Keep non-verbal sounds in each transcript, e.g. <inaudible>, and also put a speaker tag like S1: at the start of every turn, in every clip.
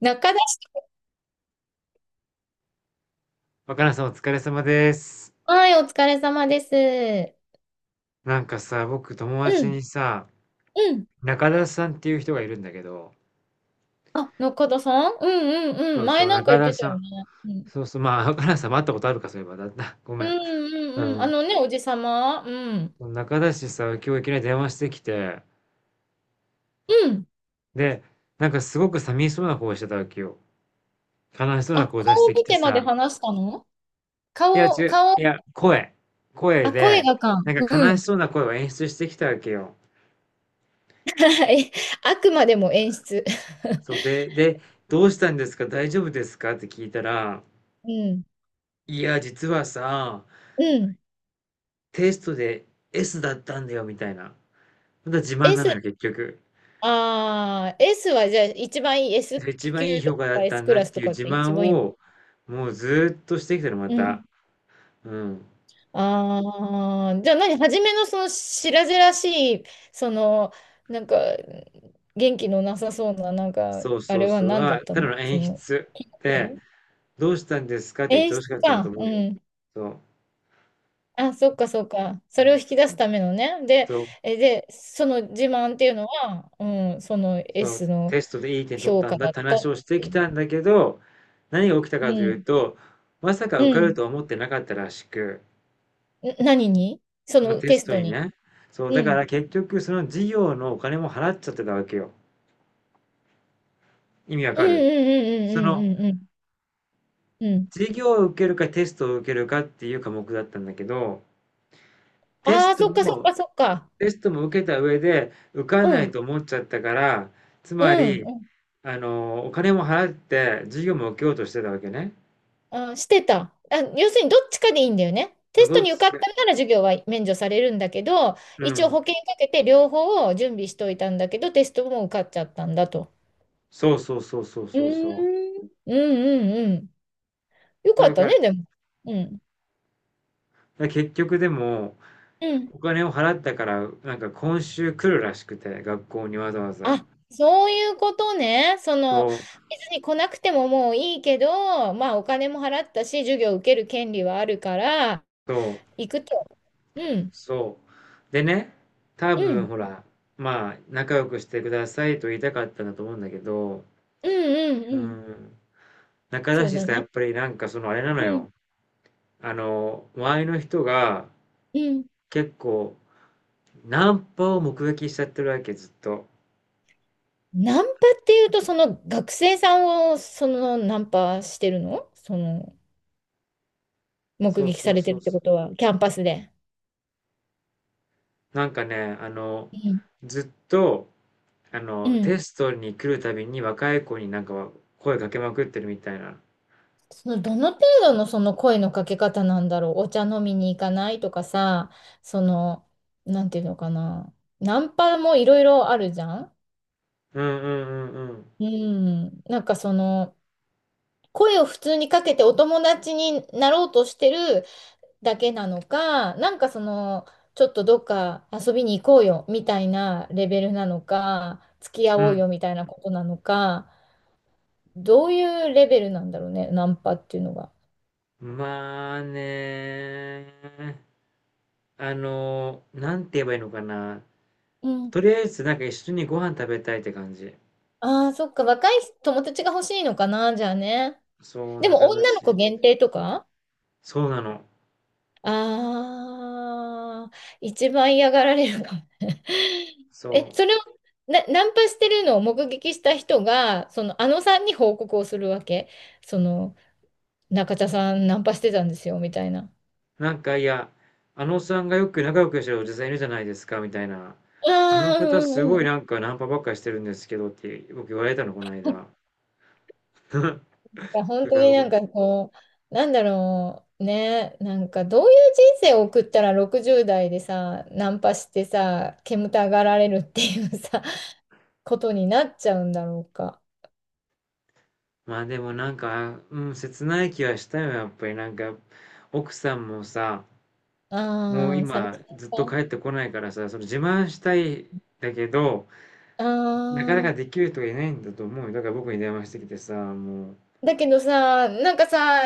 S1: 中田
S2: 若菜さんお疲れ様です。
S1: さん、はい、お疲れ様です。
S2: なんかさ、僕友達
S1: う
S2: に
S1: ん、
S2: さ、
S1: うん。
S2: 中田さんっていう人がいるんだけど、
S1: あ、中田さんうんうん
S2: そ
S1: うん。
S2: う
S1: 前
S2: そう、
S1: なんか
S2: 中
S1: 言っ
S2: 田
S1: てた
S2: さん。
S1: よね。うん、
S2: そうそう、まあ、若菜さんも会ったことあるか、そういえば。だった。ご
S1: う
S2: めん。
S1: んう
S2: う
S1: んうん。あ
S2: ん。
S1: のね、おじさま。うん。
S2: 中田氏さ、今日いきなり電話してきて、
S1: うん。
S2: で、なんかすごく寂しそうな顔してたわけよ。悲しそうな
S1: あ、
S2: 顔出して
S1: 顔
S2: き
S1: 見
S2: て
S1: てま
S2: さ、
S1: で話したの？
S2: いや、
S1: 顔、顔、
S2: 声。声
S1: あ、声
S2: で、
S1: がか。
S2: なんか
S1: う
S2: 悲し
S1: ん。
S2: そうな声を演出してきたわけよ。
S1: はい。あくまでも演出。
S2: そうで、で、どうしたんですか大丈夫ですかって聞いたら、
S1: うん。
S2: いや、実はさ、
S1: うん。
S2: テストで S だったんだよみたいな。また自慢な
S1: S、
S2: のよ、結局。
S1: S はじゃあ一番いい S
S2: で一番いい
S1: 級と
S2: 評価だっ
S1: か
S2: た
S1: S
S2: ん
S1: ク
S2: だっ
S1: ラス
S2: て
S1: と
S2: いう
S1: かっ
S2: 自
S1: て一
S2: 慢
S1: 番いいの？
S2: を、もうずーっとしてきたの、ま
S1: う
S2: た。
S1: ん。
S2: うん。
S1: ああ、じゃあ何、初めのその白々しい、その、なんか、元気のなさそうな、なんか、
S2: そう
S1: あ
S2: そう
S1: れは
S2: そう。
S1: 何だっ
S2: は、
S1: た
S2: ただ
S1: の
S2: の
S1: そ
S2: 演
S1: の、
S2: 出
S1: ね
S2: で、「どうしたんですか？」って言っ
S1: 演
S2: て欲
S1: 出
S2: しかったんだと
S1: か。
S2: 思
S1: う
S2: うよ。
S1: ん。
S2: そ
S1: あ、そっかそっか。そ
S2: う。う
S1: れを
S2: ん。
S1: 引き出すためのね。で、
S2: そう、
S1: え、で、その自慢っていうのは、うん、その
S2: そう、
S1: S の
S2: テストでいい点取っ
S1: 評
S2: た
S1: 価
S2: んだ
S1: だ
S2: っ
S1: っ
S2: て
S1: たっ
S2: 話をして
S1: てい
S2: き
S1: う。
S2: たんだけど、何が起きた
S1: う
S2: かという
S1: ん。
S2: と、まさか
S1: う
S2: 受か
S1: ん。
S2: る
S1: ん
S2: とは思ってなかったらしく
S1: 何にそ
S2: その
S1: の
S2: テ
S1: テ
S2: ス
S1: ス
S2: ト
S1: ト
S2: に
S1: に？
S2: ね。そう、
S1: う
S2: だから
S1: ん。
S2: 結局その事業のお金も払っちゃってたわけよ。意味わ
S1: う
S2: か
S1: ん
S2: るその
S1: うんうんうんうんうんうん。うん。
S2: 授業を受けるかテストを受けるかっていう科目だったんだけど、テ
S1: あ
S2: ス
S1: あ、
S2: ト
S1: そっかそっ
S2: も、
S1: かそっか。
S2: テストも受けた上で受か
S1: う
S2: んない
S1: ん、
S2: と思っちゃったから、つ
S1: う
S2: ま
S1: ん、う
S2: り、
S1: ん、
S2: お金も払って授業も受けようとしてたわけね。
S1: あ、してた。あ、要するにどっちかでいいんだよね。
S2: そ
S1: テ
S2: う
S1: スト
S2: どっ
S1: に受かっ
S2: ちが、
S1: たら授業は免除されるんだけど、
S2: う
S1: 一応
S2: ん。
S1: 保険かけて両方を準備しといたんだけど、テストも受かっちゃったんだと。
S2: そうそうそうそう
S1: うー
S2: そうそ
S1: ん、うんうんうん。よ
S2: う。
S1: かった
S2: だ
S1: ね、
S2: か
S1: でも。うん。
S2: ら結局でも、
S1: うん。
S2: お金を払ったから、なんか今週来るらしくて、学校にわざわざ。
S1: あ、そういうことね。その、
S2: そう、
S1: 別に来なくてももういいけど、まあお金も払ったし、授業受ける権利はあるから、
S2: そう、
S1: 行くと。うん、
S2: そう。でね、多
S1: う
S2: 分
S1: ん、
S2: ほら、まあ、仲良くしてくださいと言いたかったんだと思うんだけど、
S1: うん、う
S2: う
S1: ん、うん。
S2: ん、仲
S1: そ
S2: だ
S1: う
S2: し
S1: だ
S2: さ、や
S1: ね。
S2: っぱりなんかそのあれなの
S1: うん、
S2: よ。周りの人が
S1: うん。
S2: 結構、ナンパを目撃しちゃってるわけ、ずっと。
S1: ナンパっていうと、その学生さんをそのナンパしてるのその目
S2: そう
S1: 撃さ
S2: そう
S1: れて
S2: そ
S1: る
S2: う
S1: って
S2: そ
S1: ことは、キャンパスで。
S2: う。なんかね、あの、
S1: うん
S2: ずっと、あ
S1: う
S2: の、
S1: ん。
S2: テストに来るたびに若い子になんか声かけまくってるみたいな。
S1: そのどの程度のその声のかけ方なんだろう。お茶飲みに行かないとかさ、その、なんていうのかな。ナンパもいろいろあるじゃん。
S2: うんうんうん
S1: うん。なんかその、声を普通にかけてお友達になろうとしてるだけなのか、なんかその、ちょっとどっか遊びに行こうよみたいなレベルなのか、付き合
S2: う
S1: おう
S2: ん。
S1: よみたいなことなのか、どういうレベルなんだろうね、ナンパっていうのが。
S2: まあね、なんて言えばいいのかな。
S1: うん。
S2: とりあえずなんか一緒にご飯食べたいって感じ。
S1: ああ、そっか、若い友達が欲しいのかな、じゃあね。
S2: そう、
S1: でも
S2: 仲だ
S1: 女の子
S2: し。
S1: 限定とか、
S2: そうなの。
S1: ああー、一番嫌がられるかもね。<laughs> え、
S2: そ
S1: それをナンパしてるのを目撃した人が、その、あのさんに報告をするわけ。その、中田さんナンパしてたんですよ、みたいな。
S2: う。なんかいや、あのおっさんがよく仲良くしてるおじさんいるじゃないですか、みたいな。
S1: あ
S2: あの
S1: あ、
S2: 方
S1: うん
S2: す
S1: う
S2: ご
S1: ん
S2: い
S1: うん。
S2: な
S1: <laughs>
S2: んかナンパばっかりしてるんですけどって僕言われたの、この間。<laughs> だか
S1: 本当
S2: ら
S1: にな
S2: 僕、
S1: んかこう、なんだろう、ね、なんかどういう人生を送ったら60代でさ、ナンパしてさ、煙たがられるっていうさ、ことになっちゃうんだろうか。
S2: まあでもなんか、うん、切ない気はしたよ、やっぱりなんか、奥さんもさ、もう
S1: ああ、寂
S2: 今
S1: しかっ
S2: ずっと帰
S1: た。
S2: ってこないからさ、その自慢したいんだけど、
S1: あ
S2: なかなか
S1: あ、
S2: できる人がいないんだと思うよ。だから僕に電話してきてさ、も
S1: だけどさ、なんかさ、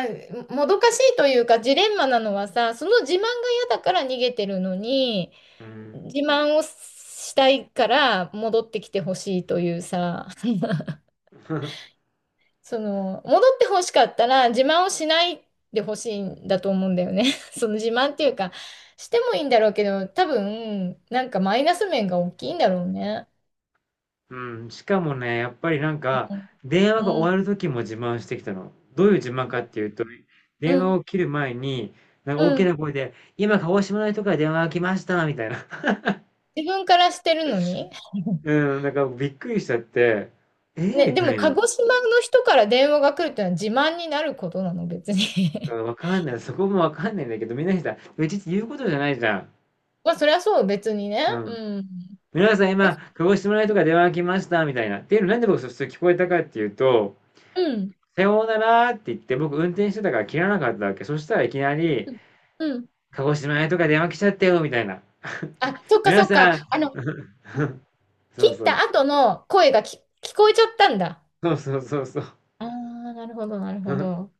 S1: もどかしいというか、ジレンマなのはさ、その自慢が嫌だから逃げてるのに、
S2: う、うん、
S1: 自慢をしたいから戻ってきてほしいというさ、<laughs>
S2: <laughs>
S1: その、戻ってほしかったら自慢をしないでほしいんだと思うんだよね。<laughs> その自慢っていうか、してもいいんだろうけど、多分、なんかマイナス面が大きいんだろうね。
S2: うん、しかもね、やっぱりなん
S1: う
S2: か、
S1: ん。
S2: 電話が終わる時も自慢してきたの。どういう自慢かっていうと、
S1: う
S2: 電話
S1: ん。
S2: を切る前に、なんか大
S1: う
S2: き
S1: ん。
S2: な声で、今鹿児島の人から電話が来ました、みたいな。<laughs>
S1: 自分からしてるのに。<laughs>
S2: うん、なんかびっくりしちゃって、えー
S1: ね、
S2: み
S1: で
S2: た
S1: も
S2: い
S1: 鹿
S2: な。
S1: 児島の人から電話が来るってのは自慢になることなの、別に？
S2: わかんない。そこもわかんないんだけど、みんなにさ、うちって言うことじゃないじゃん。
S1: <laughs> まあ、そりゃそう、別にね。
S2: うん。
S1: うん。
S2: 皆さん
S1: え、
S2: 今、鹿児島とか電話が来ました、みたいな。っていうのなんで僕そして聞こえたかっていうと、
S1: うん。
S2: さようならって言って僕運転してたから切らなかったわけ。そしたらいきなり、
S1: うん。
S2: 鹿児島とか電話来ちゃったよ、みたいな。
S1: あ、そっか
S2: 皆
S1: そっか。
S2: さん、
S1: あの、
S2: そ
S1: 切っ
S2: うそう、
S1: た後の声が聞こえちゃったんだ。
S2: そうそうそうそう。
S1: ああ、なるほど、なるほ
S2: <laughs>
S1: ど。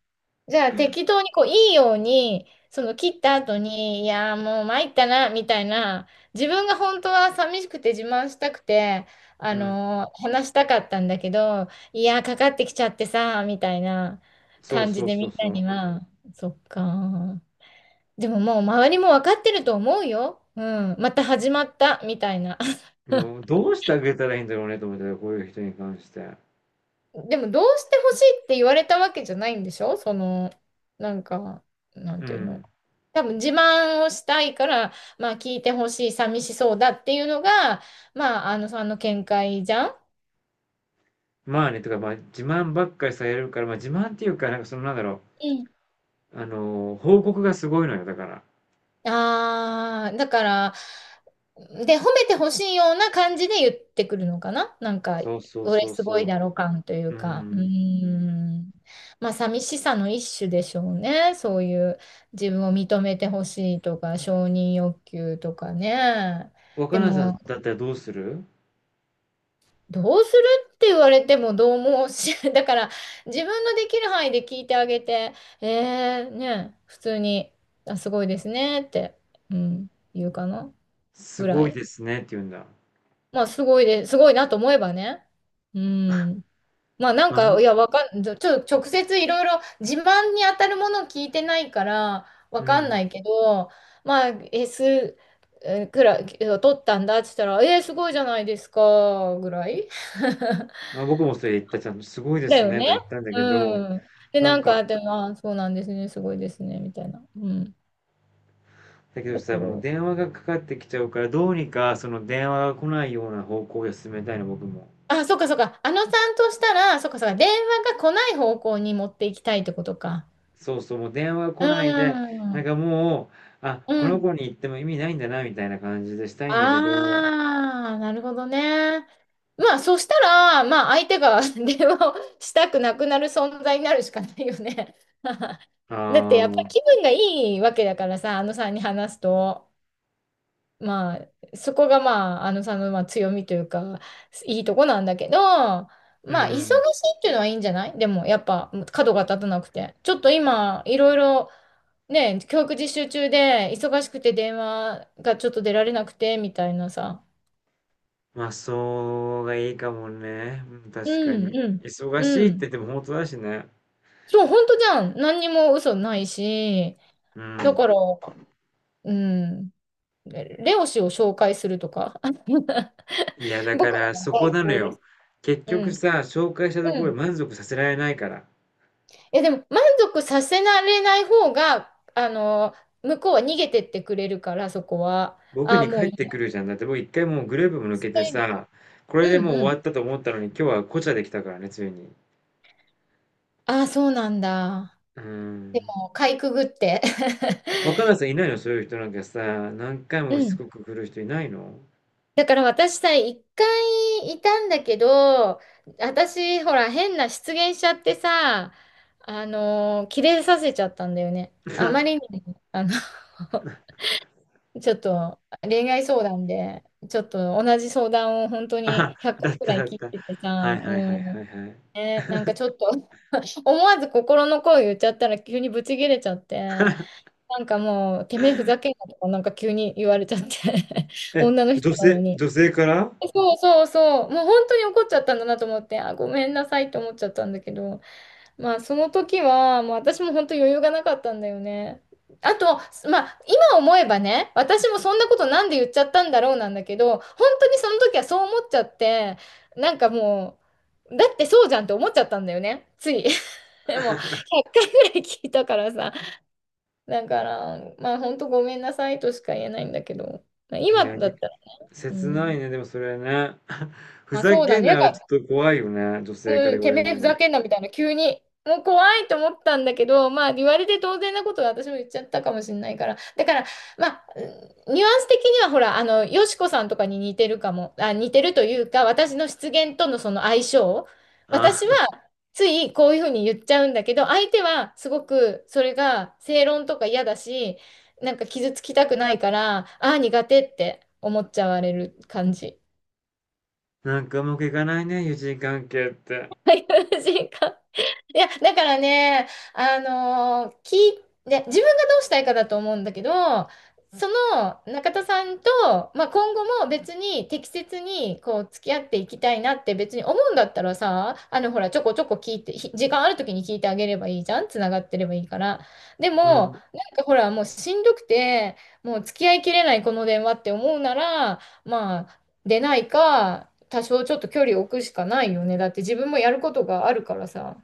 S1: じゃあ、適当にこう、いいように、その切った後に、いやーもう参ったな、みたいな、自分が本当は寂しくて自慢したくて、あ
S2: うん、
S1: のー話したかったんだけど、いやーかかってきちゃってさ、みたいな
S2: そう
S1: 感じ
S2: そう
S1: で
S2: そ
S1: みん
S2: う
S1: な
S2: そ
S1: に
S2: う。
S1: は、そっかー。でももう周りも分かってると思うよ。うん。また始まった、みたいな。
S2: でもどうしてあげたらいいんだろうねと思ったらこういう人に関して。
S1: でも、どうしてほしいって言われたわけじゃないんでしょその、なんか、なん
S2: う
S1: ていうの。
S2: ん。
S1: 多分自慢をしたいから、まあ聞いてほしい、寂しそうだっていうのが、まあ、あのさんの見解じゃん。
S2: まあね、とか、まあ自慢ばっかりされるから、まあ自慢っていうか、なんかそのなんだろ
S1: うん。
S2: う、報告がすごいのよ、だから。
S1: ああ、だから、で、褒めてほしいような感じで言ってくるのかななんか、
S2: そうそう
S1: 俺
S2: そう
S1: す
S2: そ
S1: ごい
S2: う。
S1: だろ感という
S2: う
S1: か、うー
S2: ん。
S1: ん。まあ、寂しさの一種でしょうね。そういう自分を認めてほしいとか、承認欲求とかね。
S2: 若
S1: で
S2: 菜さん
S1: も、
S2: だったらどうする
S1: どうするって言われてもどうもし、<laughs> だから、自分のできる範囲で聞いてあげて、ね、普通に、あ、すごいですねって、うん、言うかな。
S2: す
S1: ぐら
S2: ごい
S1: い。
S2: ですねって言うんだ。
S1: まあ、すごいで、すごいなと思えばね。うん。まあ、なん
S2: まあ、ぼ
S1: か、いや、わかん、ちょ、ちょ直接いろいろ自慢に当たるものを聞いてないから、わ
S2: う
S1: かん
S2: ん。
S1: ないけど、まあ、S くらい、を取ったんだって言ったら、えー、すごいじゃないですか、ぐらい。<laughs>
S2: まあ、僕もそれ言った、ちゃんとすごいで
S1: だ
S2: す
S1: よ
S2: ね
S1: ね。
S2: と言ったんだけど、
S1: うん。で、
S2: な
S1: な
S2: ん
S1: ん
S2: か、
S1: か、でも、あ、そうなんですね、すごいですね、みたいな。うん。
S2: だけど
S1: だか
S2: さ、もう
S1: ら、
S2: 電話がかかってきちゃうから、どうにかその電話が来ないような方向で進めたいの、僕も。
S1: あ、そっかそっか。あのさんとしたら、そっかそっか。電話が来ない方向に持っていきたいってことか。
S2: そうそう、もう電話が来
S1: う
S2: ないで、なん
S1: ん。
S2: かもう、あ、こ
S1: う
S2: の
S1: ん。
S2: 子に言っても意味ないんだな、みたいな感じでしたいんだけど、
S1: ああ、なるほどね。まあ、そしたら、まあ、相手が <laughs> 電話をしたくなくなる存在になるしかないよね。<laughs>
S2: あ
S1: だって、やっぱ
S2: あ、
S1: り気分がいいわけだからさ、あのさんに話すと、まあ、そこがまあ、あのさんのまあ強みというか、いいとこなんだけど、ま
S2: う
S1: あ、忙しい
S2: ん。
S1: っていうのはいいんじゃない？でも、やっぱ、角が立たなくて。ちょっと今、いろいろ、ね、教育実習中で忙しくて電話がちょっと出られなくてみたいなさ。
S2: まあ、そうがいいかもね。うん、
S1: う
S2: 確か
S1: ん
S2: に。
S1: うん。
S2: 忙し
S1: う
S2: いって言
S1: ん。
S2: っても本当だしね。
S1: そう、本当じゃん。何にも嘘ないし、
S2: う
S1: だ
S2: ん。
S1: から、うん。レオ氏を紹介するとか。<laughs>
S2: いや、だか
S1: 僕ら
S2: ら
S1: の
S2: そこ
S1: 代
S2: なの
S1: 行で
S2: よ。
S1: す。
S2: 結
S1: う
S2: 局
S1: ん。
S2: さ、紹介したと
S1: う
S2: こ
S1: ん。
S2: ろで
S1: い
S2: 満足させられないから。
S1: や、でも満足させられない方が、あの、向こうは逃げてってくれるから、そこは。
S2: 僕
S1: ああ、
S2: に
S1: も
S2: 帰
S1: うい
S2: って
S1: いや。
S2: くるじゃん。だって僕一回もうグループも抜
S1: そ
S2: け
S1: う
S2: て
S1: いう意味か。
S2: さ、これで
S1: うん
S2: もう
S1: う
S2: 終
S1: ん。
S2: わったと思ったのに今日はこちゃできたからね、ついに。
S1: ああ、そうなんだ。
S2: うーん。
S1: もうかいくぐって。
S2: 若
S1: <laughs>
S2: 菜さんいないのそういう人なんかさ、何回も
S1: う
S2: しつ
S1: ん。
S2: こく来る人いないの
S1: だから私さ、一回いたんだけど、私、ほら、変な失言しちゃってさ、あのー、キレさせちゃったんだよね。あまり
S2: <laughs>
S1: に、あの <laughs> ちょっと恋愛相談で、ちょっと同じ相談を本当
S2: あ、
S1: に100
S2: だ
S1: 回
S2: っ
S1: く
S2: た
S1: ら
S2: だ
S1: い
S2: っ
S1: 切っ
S2: た。
S1: てて
S2: はい
S1: さ、う
S2: はいはいはい
S1: ん。
S2: はい。
S1: ね、なんかちょっと <laughs> 思わず心の声言っちゃったら急にブチ切れちゃって、
S2: <laughs>
S1: なんかもう、てめえふざけんなとか、なんか急に言われちゃって <laughs>
S2: え、
S1: 女の人なのに。
S2: 女性から
S1: そうそうそう。もう本当に怒っちゃったんだなと思って、あ、ごめんなさいって思っちゃったんだけど、まあその時は、もう私も本当余裕がなかったんだよね。あと、まあ今思えばね、私もそんなことなんで言っちゃったんだろうなんだけど、本当にその時はそう思っちゃって、なんかもう、だってそうじゃんって思っちゃったんだよね、つい。<laughs> でも
S2: <laughs>
S1: 10回ぐらい聞いたからさ、だから、まあ本当ごめんなさいとしか言えないんだけど、まあ
S2: い
S1: 今
S2: や、
S1: だ
S2: で
S1: ったらね、う
S2: 切な
S1: ん、
S2: いね、でもそれね。<laughs> ふ
S1: まあ
S2: ざ
S1: そうだ
S2: けん
S1: ね。
S2: なよ、ちょっと怖いよね、女性か
S1: う
S2: ら
S1: ん、
S2: 言わ
S1: て
S2: れ
S1: め
S2: る
S1: え
S2: の
S1: ふ
S2: は。
S1: ざけんなみたいな、急に。もう怖いと思ったんだけど、まあ言われて当然なことは私も言っちゃったかもしれないから。だから、まあ、うんニュアンス的にはほら、あの、よしこさんとかに似てるかも、あ、似てるというか、私の失言とのその相性。
S2: あ、
S1: 私は
S2: <laughs>
S1: ついこういうふうに言っちゃうんだけど、相手はすごくそれが正論とか嫌だし、なんか傷つきたくないから、ああ、苦手って思っちゃわれる感じ。
S2: なんかうまくいかないね、友人関係って。
S1: <laughs> はい、感じ、いや、だからね、あのー、ね自分がどうしたいかだと思うんだけど、その中田さんと、まあ、今後も別に適切にこう付き合っていきたいなって別に思うんだったらさ、あのほらちょこちょこ聞いて、時間ある時に聞いてあげればいいじゃん、つながってればいいから。で
S2: う
S1: も、
S2: ん。
S1: なんかほらもうしんどくて、もう付き合いきれないこの電話って思うなら、まあ出ないか、多少ちょっと距離を置くしかないよね。だって自分もやることがあるからさ。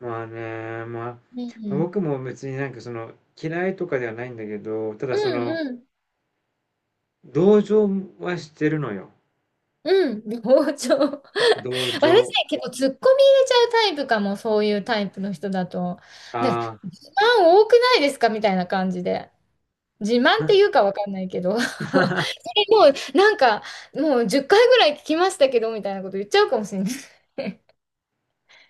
S2: ま
S1: う
S2: あ
S1: ん。
S2: 僕も別になんかその、嫌いとかではないんだけど、ただ
S1: う
S2: そ
S1: ん
S2: の、
S1: うん。
S2: 同情はしてるのよ。
S1: うん。包丁。
S2: 同
S1: <laughs> 私
S2: 情。
S1: ね、結構ツッコミ入れちゃうタイプかも、そういうタイプの人だと。ね、
S2: あ
S1: 自慢多くないですかみたいな感じで。自慢っ
S2: あ。
S1: ていうかわかんないけど。<laughs> そ
S2: <laughs>
S1: れもう、なんか、もう10回ぐらい聞きましたけど、みたいなこと言っちゃうかもしれない。<laughs> 聞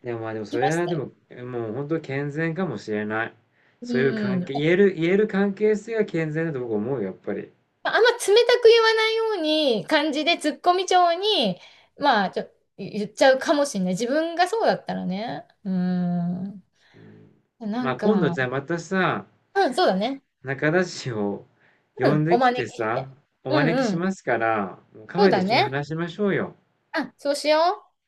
S2: でもそ
S1: きま
S2: れ
S1: し
S2: はで
S1: たよ。
S2: も、もう本当健全かもしれない。
S1: う
S2: そういう関
S1: ん。
S2: 係、言える、言える関係性が健全だと僕思うよ、やっぱり。
S1: まああんま冷たく言わないように、感じでツッコミ調に、まあ、言っちゃうかもしれない。自分がそうだったらね。うん。な
S2: ま
S1: ん
S2: あ今度
S1: か、
S2: じゃあまたさ、
S1: うん、そうだね。
S2: 仲田氏を呼
S1: うん、
S2: んで
S1: お
S2: きて
S1: 招きし
S2: さ、
S1: て。
S2: お
S1: う
S2: 招き
S1: んう
S2: し
S1: ん。
S2: ますから、もうカフ
S1: そう
S2: ェで
S1: だ
S2: 一緒に
S1: ね。
S2: 話しましょうよ。
S1: あ、そうしよう。